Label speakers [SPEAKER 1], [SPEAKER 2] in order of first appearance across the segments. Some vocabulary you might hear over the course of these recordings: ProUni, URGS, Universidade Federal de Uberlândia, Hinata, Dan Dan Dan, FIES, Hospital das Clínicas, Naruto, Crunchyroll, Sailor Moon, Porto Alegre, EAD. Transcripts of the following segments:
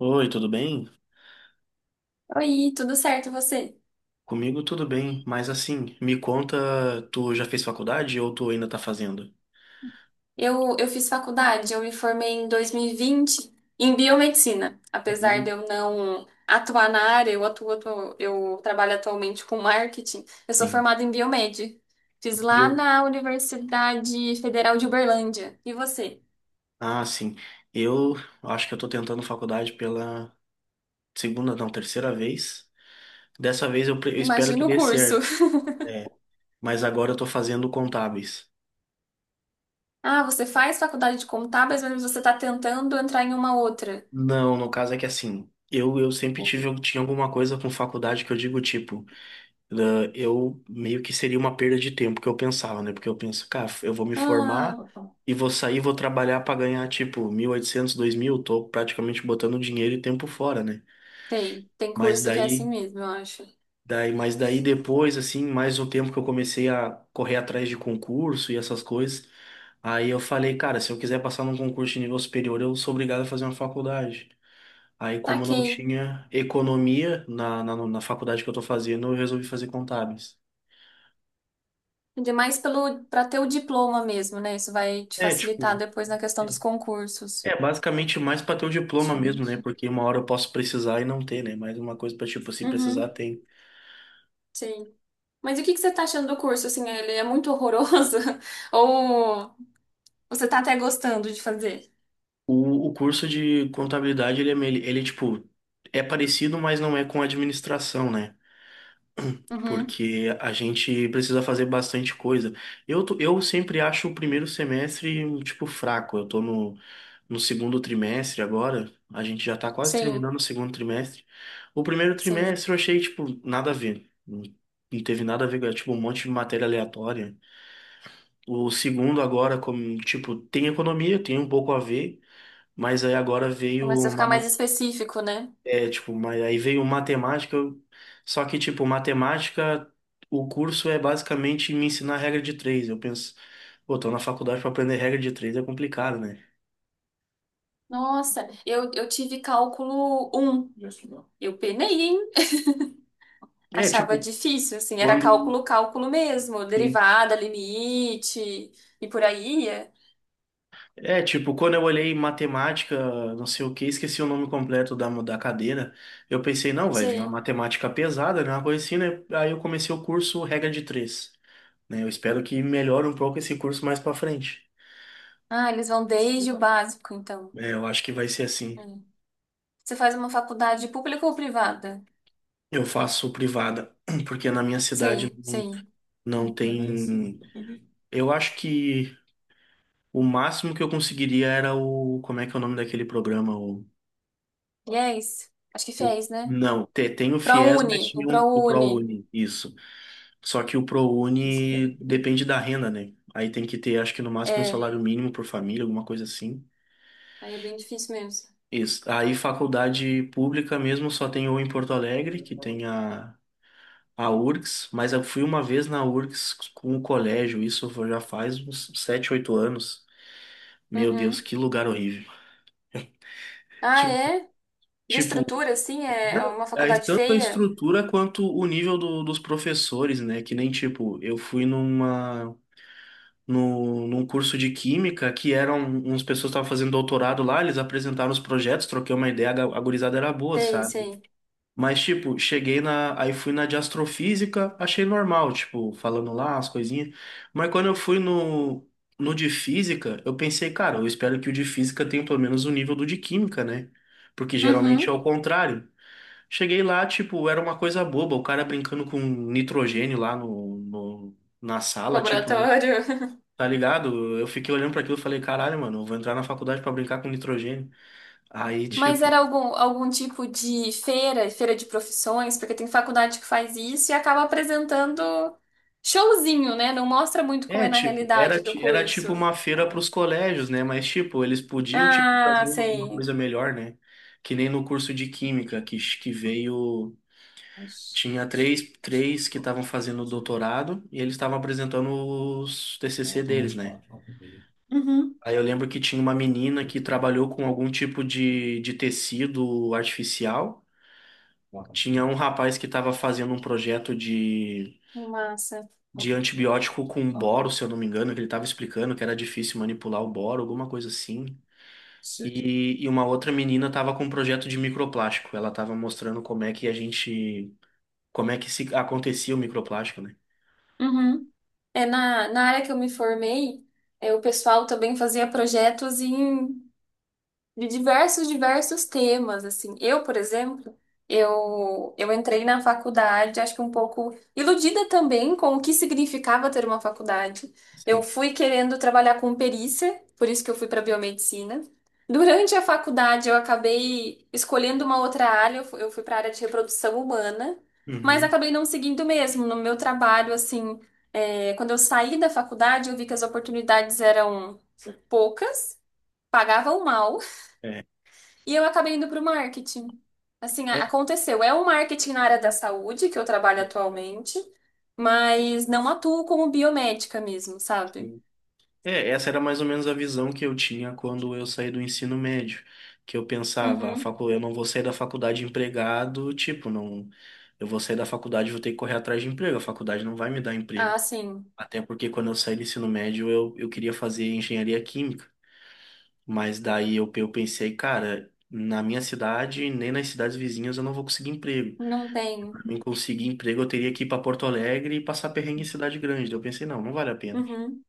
[SPEAKER 1] Oi, tudo bem?
[SPEAKER 2] Oi, tudo certo, e você?
[SPEAKER 1] Comigo tudo bem, mas assim, me conta, tu já fez faculdade ou tu ainda tá fazendo?
[SPEAKER 2] Eu fiz faculdade, eu me formei em 2020 em biomedicina. Apesar
[SPEAKER 1] Viu?
[SPEAKER 2] de eu não atuar na área, eu eu trabalho atualmente com marketing. Eu sou
[SPEAKER 1] Sim.
[SPEAKER 2] formada em biomed. Fiz
[SPEAKER 1] Viu?
[SPEAKER 2] lá na Universidade Federal de Uberlândia. E você?
[SPEAKER 1] Ah, sim. Eu acho que eu tô tentando faculdade pela segunda, não, terceira vez. Dessa vez eu espero que
[SPEAKER 2] Imagina o
[SPEAKER 1] dê
[SPEAKER 2] curso.
[SPEAKER 1] certo. É, mas agora eu tô fazendo contábeis.
[SPEAKER 2] Ah, você faz faculdade de contábeis, mas você está tentando entrar em uma outra.
[SPEAKER 1] Não, no caso é que assim, eu sempre tive, eu Tinha alguma coisa com faculdade que eu digo tipo, né, eu meio que seria uma perda de tempo que eu pensava, né? Porque eu penso, cara, eu vou me formar
[SPEAKER 2] Ah,
[SPEAKER 1] e vou sair, vou trabalhar para ganhar tipo 1.800, 2.000. Tô praticamente botando dinheiro e tempo fora, né?
[SPEAKER 2] tem. Tem
[SPEAKER 1] Mas
[SPEAKER 2] curso que é assim
[SPEAKER 1] daí,
[SPEAKER 2] mesmo, eu acho.
[SPEAKER 1] mas daí depois, assim, mais um tempo que eu comecei a correr atrás de concurso e essas coisas, aí eu falei, cara, se eu quiser passar num concurso de nível superior, eu sou obrigado a fazer uma faculdade. Aí, como não
[SPEAKER 2] Taquei.
[SPEAKER 1] tinha economia na faculdade que eu tô fazendo, eu resolvi fazer contábeis.
[SPEAKER 2] Ainda mais pelo para ter o diploma mesmo, né? Isso vai te
[SPEAKER 1] É,
[SPEAKER 2] facilitar
[SPEAKER 1] tipo,
[SPEAKER 2] depois na questão dos
[SPEAKER 1] é,
[SPEAKER 2] concursos.
[SPEAKER 1] É basicamente mais para ter o diploma mesmo, né?
[SPEAKER 2] Excelente.
[SPEAKER 1] Porque uma hora eu posso precisar e não ter, né? Mas uma coisa para tipo, se precisar,
[SPEAKER 2] Uhum,
[SPEAKER 1] tem.
[SPEAKER 2] sim. Mas o que que você tá achando do curso? Assim, ele é muito horroroso? Ou você tá até gostando de fazer?
[SPEAKER 1] O curso de contabilidade, ele é parecido, mas não é com administração, né?
[SPEAKER 2] Uhum.
[SPEAKER 1] Porque a gente precisa fazer bastante coisa. Eu sempre acho o primeiro semestre, tipo, fraco. Eu tô no segundo trimestre agora, a gente já tá quase
[SPEAKER 2] Sim,
[SPEAKER 1] terminando o segundo trimestre. O primeiro
[SPEAKER 2] sim.
[SPEAKER 1] trimestre eu achei, tipo, nada a ver. Não não teve nada a ver, era, tipo, um monte de matéria aleatória. O segundo agora, como, tipo, tem economia, tem um pouco a ver, mas aí agora veio
[SPEAKER 2] Começa a
[SPEAKER 1] uma
[SPEAKER 2] ficar mais específico, né?
[SPEAKER 1] mas aí veio matemática. Só que, tipo, matemática, o curso é basicamente me ensinar regra de três. Eu penso, pô, tô na faculdade pra aprender regra de três, é complicado, né?
[SPEAKER 2] Nossa, eu tive cálculo um. Eu penei, hein?
[SPEAKER 1] É,
[SPEAKER 2] Achava
[SPEAKER 1] tipo,
[SPEAKER 2] difícil, assim, era
[SPEAKER 1] quando.
[SPEAKER 2] cálculo mesmo,
[SPEAKER 1] Sim.
[SPEAKER 2] derivada, limite e por aí ia.
[SPEAKER 1] É, tipo, quando eu olhei matemática, não sei o que, esqueci o nome completo da cadeira, eu pensei, não, vai vir uma matemática pesada, né? Uma coisa assim, né? Aí eu comecei o curso regra de três, né? Eu espero que melhore um pouco esse curso mais pra frente.
[SPEAKER 2] Ah, eles vão desde o básico, então.
[SPEAKER 1] É, eu acho que vai ser assim.
[SPEAKER 2] Hum. Você faz uma faculdade pública ou privada?
[SPEAKER 1] Eu faço privada, porque na minha cidade
[SPEAKER 2] Sim,
[SPEAKER 1] não,
[SPEAKER 2] sim.
[SPEAKER 1] não tem. Eu acho que o máximo que eu conseguiria era o... Como é que é o nome daquele programa? O...
[SPEAKER 2] E é isso. Acho que fez, né?
[SPEAKER 1] Não, tem o FIES, mas
[SPEAKER 2] ProUni, o
[SPEAKER 1] tinha um, o
[SPEAKER 2] ProUni.
[SPEAKER 1] ProUni, isso. Só que o ProUni depende da renda, né? Aí tem que ter, acho que no máximo um
[SPEAKER 2] É,
[SPEAKER 1] salário mínimo por família, alguma coisa assim.
[SPEAKER 2] aí é bem difícil mesmo.
[SPEAKER 1] Isso. Aí faculdade pública mesmo só tem ou em Porto Alegre, que tem a URGS, mas eu fui uma vez na URGS com o colégio, isso já faz uns 7 8 anos. Meu Deus,
[SPEAKER 2] Uhum.
[SPEAKER 1] que lugar horrível.
[SPEAKER 2] Ah,
[SPEAKER 1] Ti-
[SPEAKER 2] é? De
[SPEAKER 1] Tipo,
[SPEAKER 2] estrutura, assim? É
[SPEAKER 1] não,
[SPEAKER 2] uma
[SPEAKER 1] é
[SPEAKER 2] faculdade
[SPEAKER 1] tanto a
[SPEAKER 2] feia?
[SPEAKER 1] estrutura quanto o nível dos professores, né? Que nem, tipo, eu fui numa, no, num curso de química, que eram uns pessoas que estavam fazendo doutorado lá, eles apresentaram os projetos, troquei uma ideia, a gurizada era boa,
[SPEAKER 2] Sei,
[SPEAKER 1] sabe?
[SPEAKER 2] sei.
[SPEAKER 1] Mas, tipo, cheguei na. aí fui na de astrofísica, achei normal, tipo, falando lá as coisinhas. Mas quando eu fui no de física, eu pensei, cara, eu espero que o de física tenha pelo menos o nível do de química, né? Porque geralmente é
[SPEAKER 2] Uhum.
[SPEAKER 1] o contrário. Cheguei lá, tipo, era uma coisa boba, o cara brincando com nitrogênio lá na sala, tipo, não.
[SPEAKER 2] Laboratório.
[SPEAKER 1] Tá ligado? Eu fiquei olhando pra aquilo e falei, caralho, mano, eu vou entrar na faculdade pra brincar com nitrogênio. Aí,
[SPEAKER 2] Mas
[SPEAKER 1] tipo.
[SPEAKER 2] era algum, algum tipo de feira, feira de profissões, porque tem faculdade que faz isso e acaba apresentando showzinho, né? Não mostra muito como
[SPEAKER 1] É,
[SPEAKER 2] é na
[SPEAKER 1] tipo, era,
[SPEAKER 2] realidade do
[SPEAKER 1] ti- era tipo
[SPEAKER 2] curso.
[SPEAKER 1] uma feira para os colégios, né? Mas, tipo, eles podiam, tipo,
[SPEAKER 2] Ah,
[SPEAKER 1] fazer alguma
[SPEAKER 2] sei.
[SPEAKER 1] coisa melhor, né? Que nem no curso de Química, que veio... Tinha três que estavam fazendo doutorado e eles estavam apresentando os TCC deles, né?
[SPEAKER 2] Uhum.
[SPEAKER 1] Aí eu lembro que tinha uma menina que trabalhou com algum tipo de tecido artificial. Tinha um rapaz que estava fazendo um projeto de
[SPEAKER 2] Massa.
[SPEAKER 1] de antibiótico com boro, se eu não me engano, que ele estava explicando que era difícil manipular o boro, alguma coisa assim. E uma outra menina estava com um projeto de microplástico. Ela estava mostrando como é que se acontecia o microplástico, né?
[SPEAKER 2] Uhum. É, na, na área que eu me formei, é, o pessoal também fazia projetos em de diversos, diversos temas, assim. Eu, por exemplo, eu entrei na faculdade, acho que um pouco iludida também com o que significava ter uma faculdade. Eu
[SPEAKER 1] Sim.
[SPEAKER 2] fui querendo trabalhar com perícia, por isso que eu fui para biomedicina. Durante a faculdade, eu acabei escolhendo uma outra área, eu fui para a área de reprodução humana, mas
[SPEAKER 1] Uhum.
[SPEAKER 2] acabei não seguindo mesmo. No meu trabalho, assim, é, quando eu saí da faculdade, eu vi que as oportunidades eram poucas, pagavam mal,
[SPEAKER 1] É,
[SPEAKER 2] e eu acabei indo para o marketing. Assim,
[SPEAKER 1] é,
[SPEAKER 2] aconteceu. É o marketing na área da saúde que eu trabalho atualmente, mas não atuo como biomédica mesmo, sabe?
[SPEAKER 1] sim. É, essa era mais ou menos a visão que eu tinha quando eu saí do ensino médio, que eu pensava,
[SPEAKER 2] Uhum.
[SPEAKER 1] eu não vou sair da faculdade empregado, tipo, não, eu vou sair da faculdade, e vou ter que correr atrás de emprego, a faculdade não vai me dar emprego.
[SPEAKER 2] Ah, sim.
[SPEAKER 1] Até porque quando eu saí do ensino médio, eu queria fazer engenharia química. Mas daí eu pensei, cara, na minha cidade, nem nas cidades vizinhas, eu não vou conseguir emprego.
[SPEAKER 2] Não tem.
[SPEAKER 1] Pra mim conseguir emprego, eu teria que ir pra Porto Alegre e passar perrengue em cidade grande. Daí eu pensei, não, não vale a pena.
[SPEAKER 2] Uhum.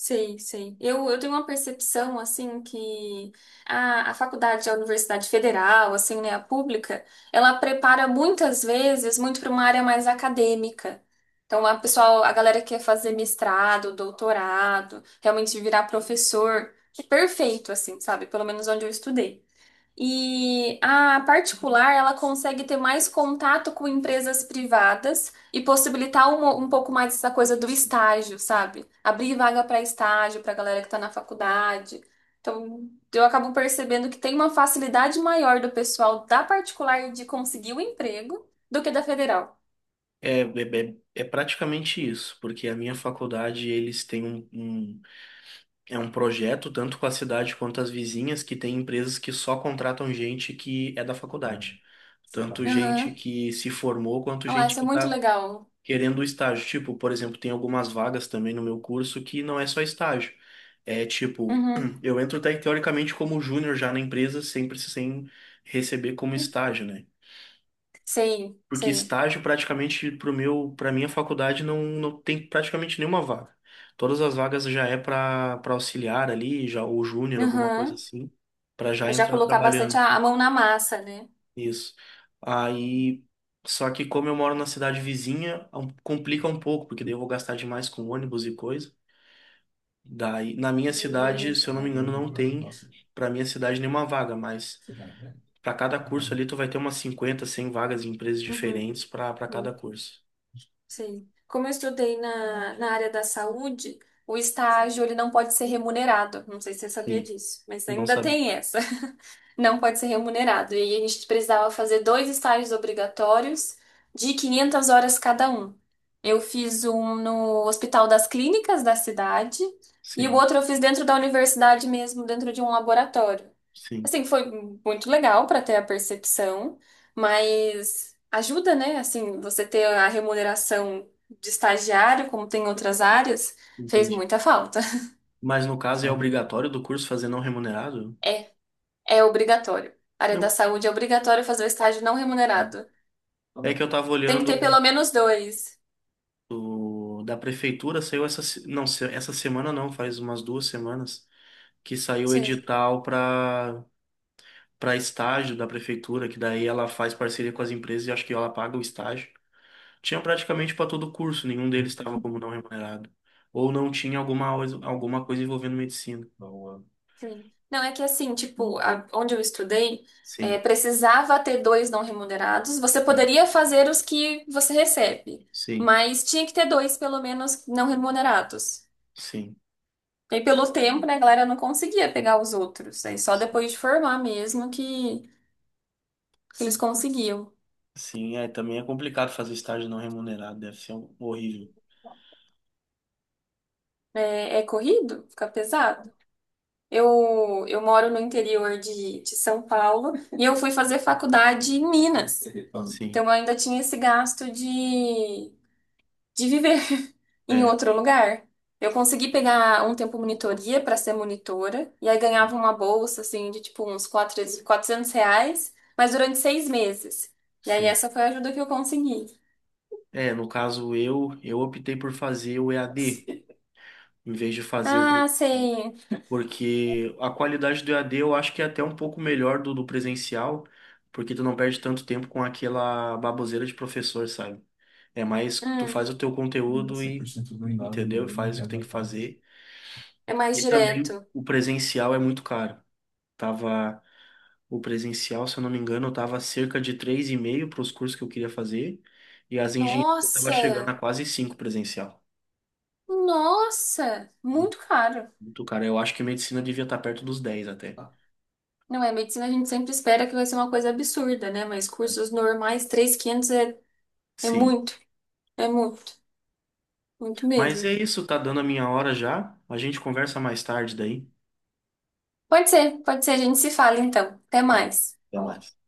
[SPEAKER 2] Sei, sei. Eu tenho uma percepção, assim, que a faculdade, a universidade federal, assim, né, a pública, ela prepara muitas vezes muito para uma área mais acadêmica. Então, a pessoal, a galera que quer fazer mestrado, doutorado, realmente virar professor, que perfeito, assim, sabe? Pelo menos onde eu estudei. E a particular, ela consegue ter mais contato com empresas privadas e possibilitar um pouco mais essa coisa do estágio, sabe? Abrir vaga para estágio, para galera que está na faculdade. Então, eu acabo percebendo que tem uma facilidade maior do pessoal da particular de conseguir o emprego do que da federal.
[SPEAKER 1] É praticamente isso, porque a minha faculdade, eles têm é um projeto, tanto com a cidade quanto as vizinhas, que tem empresas que só contratam gente que é da faculdade. Tanto
[SPEAKER 2] Aham.
[SPEAKER 1] gente que se formou, quanto
[SPEAKER 2] Olha lá,
[SPEAKER 1] gente
[SPEAKER 2] isso é
[SPEAKER 1] que
[SPEAKER 2] muito
[SPEAKER 1] está
[SPEAKER 2] legal.
[SPEAKER 1] querendo estágio. Tipo, por exemplo, tem algumas vagas também no meu curso que não é só estágio. É tipo,
[SPEAKER 2] Uhum.
[SPEAKER 1] eu entro teoricamente como júnior já na empresa, sempre sem receber como estágio, né?
[SPEAKER 2] Sei,
[SPEAKER 1] Porque
[SPEAKER 2] sei.
[SPEAKER 1] estágio praticamente para minha faculdade não, não tem praticamente nenhuma vaga. Todas as vagas já é para auxiliar ali, já ou júnior, alguma coisa
[SPEAKER 2] Aham.
[SPEAKER 1] assim, para já
[SPEAKER 2] Eu já
[SPEAKER 1] entrar
[SPEAKER 2] colocar bastante
[SPEAKER 1] trabalhando.
[SPEAKER 2] a mão na massa, né?
[SPEAKER 1] Isso. Aí, só que como eu moro na cidade vizinha, complica um pouco, porque daí eu vou gastar demais com ônibus e coisa. Daí, na minha
[SPEAKER 2] Entendi.
[SPEAKER 1] cidade, se eu não me engano, não tem para minha cidade nenhuma vaga, mas para cada curso ali tu vai ter umas 50 100 vagas em empresas
[SPEAKER 2] Uhum,
[SPEAKER 1] diferentes para cada
[SPEAKER 2] uhum,
[SPEAKER 1] curso.
[SPEAKER 2] sim. Como eu estudei na, na área da saúde, o estágio ele não pode ser remunerado. Não sei se você sabia
[SPEAKER 1] Sim,
[SPEAKER 2] disso, mas
[SPEAKER 1] não
[SPEAKER 2] ainda
[SPEAKER 1] sabia.
[SPEAKER 2] tem essa não pode ser remunerado. E aí a gente precisava fazer dois estágios obrigatórios de 500 horas cada um. Eu fiz um no Hospital das Clínicas da cidade e o
[SPEAKER 1] Sim,
[SPEAKER 2] outro eu fiz dentro da universidade mesmo, dentro de um laboratório.
[SPEAKER 1] sim,
[SPEAKER 2] Assim, foi muito legal para ter a percepção, mas ajuda, né? Assim, você ter a remuneração de estagiário, como tem em outras áreas, fez
[SPEAKER 1] entendi.
[SPEAKER 2] muita falta.
[SPEAKER 1] Mas no caso é obrigatório do curso fazer não remunerado?
[SPEAKER 2] É, é obrigatório. A área da
[SPEAKER 1] Não.
[SPEAKER 2] saúde é obrigatório fazer o estágio não remunerado.
[SPEAKER 1] É que eu tava
[SPEAKER 2] Tem que ter
[SPEAKER 1] olhando
[SPEAKER 2] pelo menos dois.
[SPEAKER 1] da prefeitura saiu essa semana não, faz umas 2 semanas, que saiu o
[SPEAKER 2] Sim,
[SPEAKER 1] edital para estágio da prefeitura, que daí ela faz parceria com as empresas e acho que ela paga o estágio. Tinha praticamente para todo curso, nenhum deles estava como não remunerado. Ou não tinha alguma coisa envolvendo medicina.
[SPEAKER 2] sim. Não, é que assim, tipo, onde eu estudei, é,
[SPEAKER 1] Sim,
[SPEAKER 2] precisava ter dois não remunerados. Você
[SPEAKER 1] sim,
[SPEAKER 2] poderia fazer os que você recebe,
[SPEAKER 1] sim,
[SPEAKER 2] mas tinha que ter dois, pelo menos, não remunerados.
[SPEAKER 1] sim.
[SPEAKER 2] E aí, pelo tempo, né, a galera não conseguia pegar os outros. Aí só
[SPEAKER 1] Sim,
[SPEAKER 2] depois de formar mesmo que eles conseguiam.
[SPEAKER 1] sim, é, também é complicado fazer estágio não remunerado, deve ser horrível.
[SPEAKER 2] É, é corrido? Fica pesado? Eu moro no interior de São Paulo e eu fui fazer faculdade em Minas. Então
[SPEAKER 1] Sim,
[SPEAKER 2] eu ainda tinha esse gasto de viver em
[SPEAKER 1] é,
[SPEAKER 2] outro lugar. Eu consegui pegar um tempo monitoria para ser monitora e aí ganhava
[SPEAKER 1] sim.
[SPEAKER 2] uma bolsa assim de tipo uns R$ 400, mas durante 6 meses. E aí
[SPEAKER 1] Sim.
[SPEAKER 2] essa foi a ajuda que eu consegui.
[SPEAKER 1] É, no caso eu optei por fazer o EAD em vez de fazer o
[SPEAKER 2] Ah,
[SPEAKER 1] presencial,
[SPEAKER 2] sei.
[SPEAKER 1] porque a qualidade do EAD eu acho que é até um pouco melhor do presencial, porque tu não perde tanto tempo com aquela baboseira de professor, sabe? É mais tu
[SPEAKER 2] Hum,
[SPEAKER 1] faz o teu conteúdo e entendeu? Faz o que tem que fazer.
[SPEAKER 2] é mais
[SPEAKER 1] E também
[SPEAKER 2] direto.
[SPEAKER 1] o presencial é muito caro. Tava o presencial, se eu não me engano, tava cerca de três e meio para os cursos que eu queria fazer, e as engenharias tava chegando
[SPEAKER 2] Nossa!
[SPEAKER 1] a quase 5 presencial.
[SPEAKER 2] Nossa! Muito caro.
[SPEAKER 1] Muito, cara. Eu acho que medicina devia estar perto dos 10 até.
[SPEAKER 2] Não é, medicina a gente sempre espera que vai ser uma coisa absurda, né? Mas cursos normais, 3.500 é, é
[SPEAKER 1] Sim.
[SPEAKER 2] muito, é muito, muito
[SPEAKER 1] Mas
[SPEAKER 2] mesmo.
[SPEAKER 1] é isso, tá dando a minha hora já. A gente conversa mais tarde daí.
[SPEAKER 2] Pode ser, a gente se fala então. Até
[SPEAKER 1] Tá bom.
[SPEAKER 2] mais.
[SPEAKER 1] Até mais.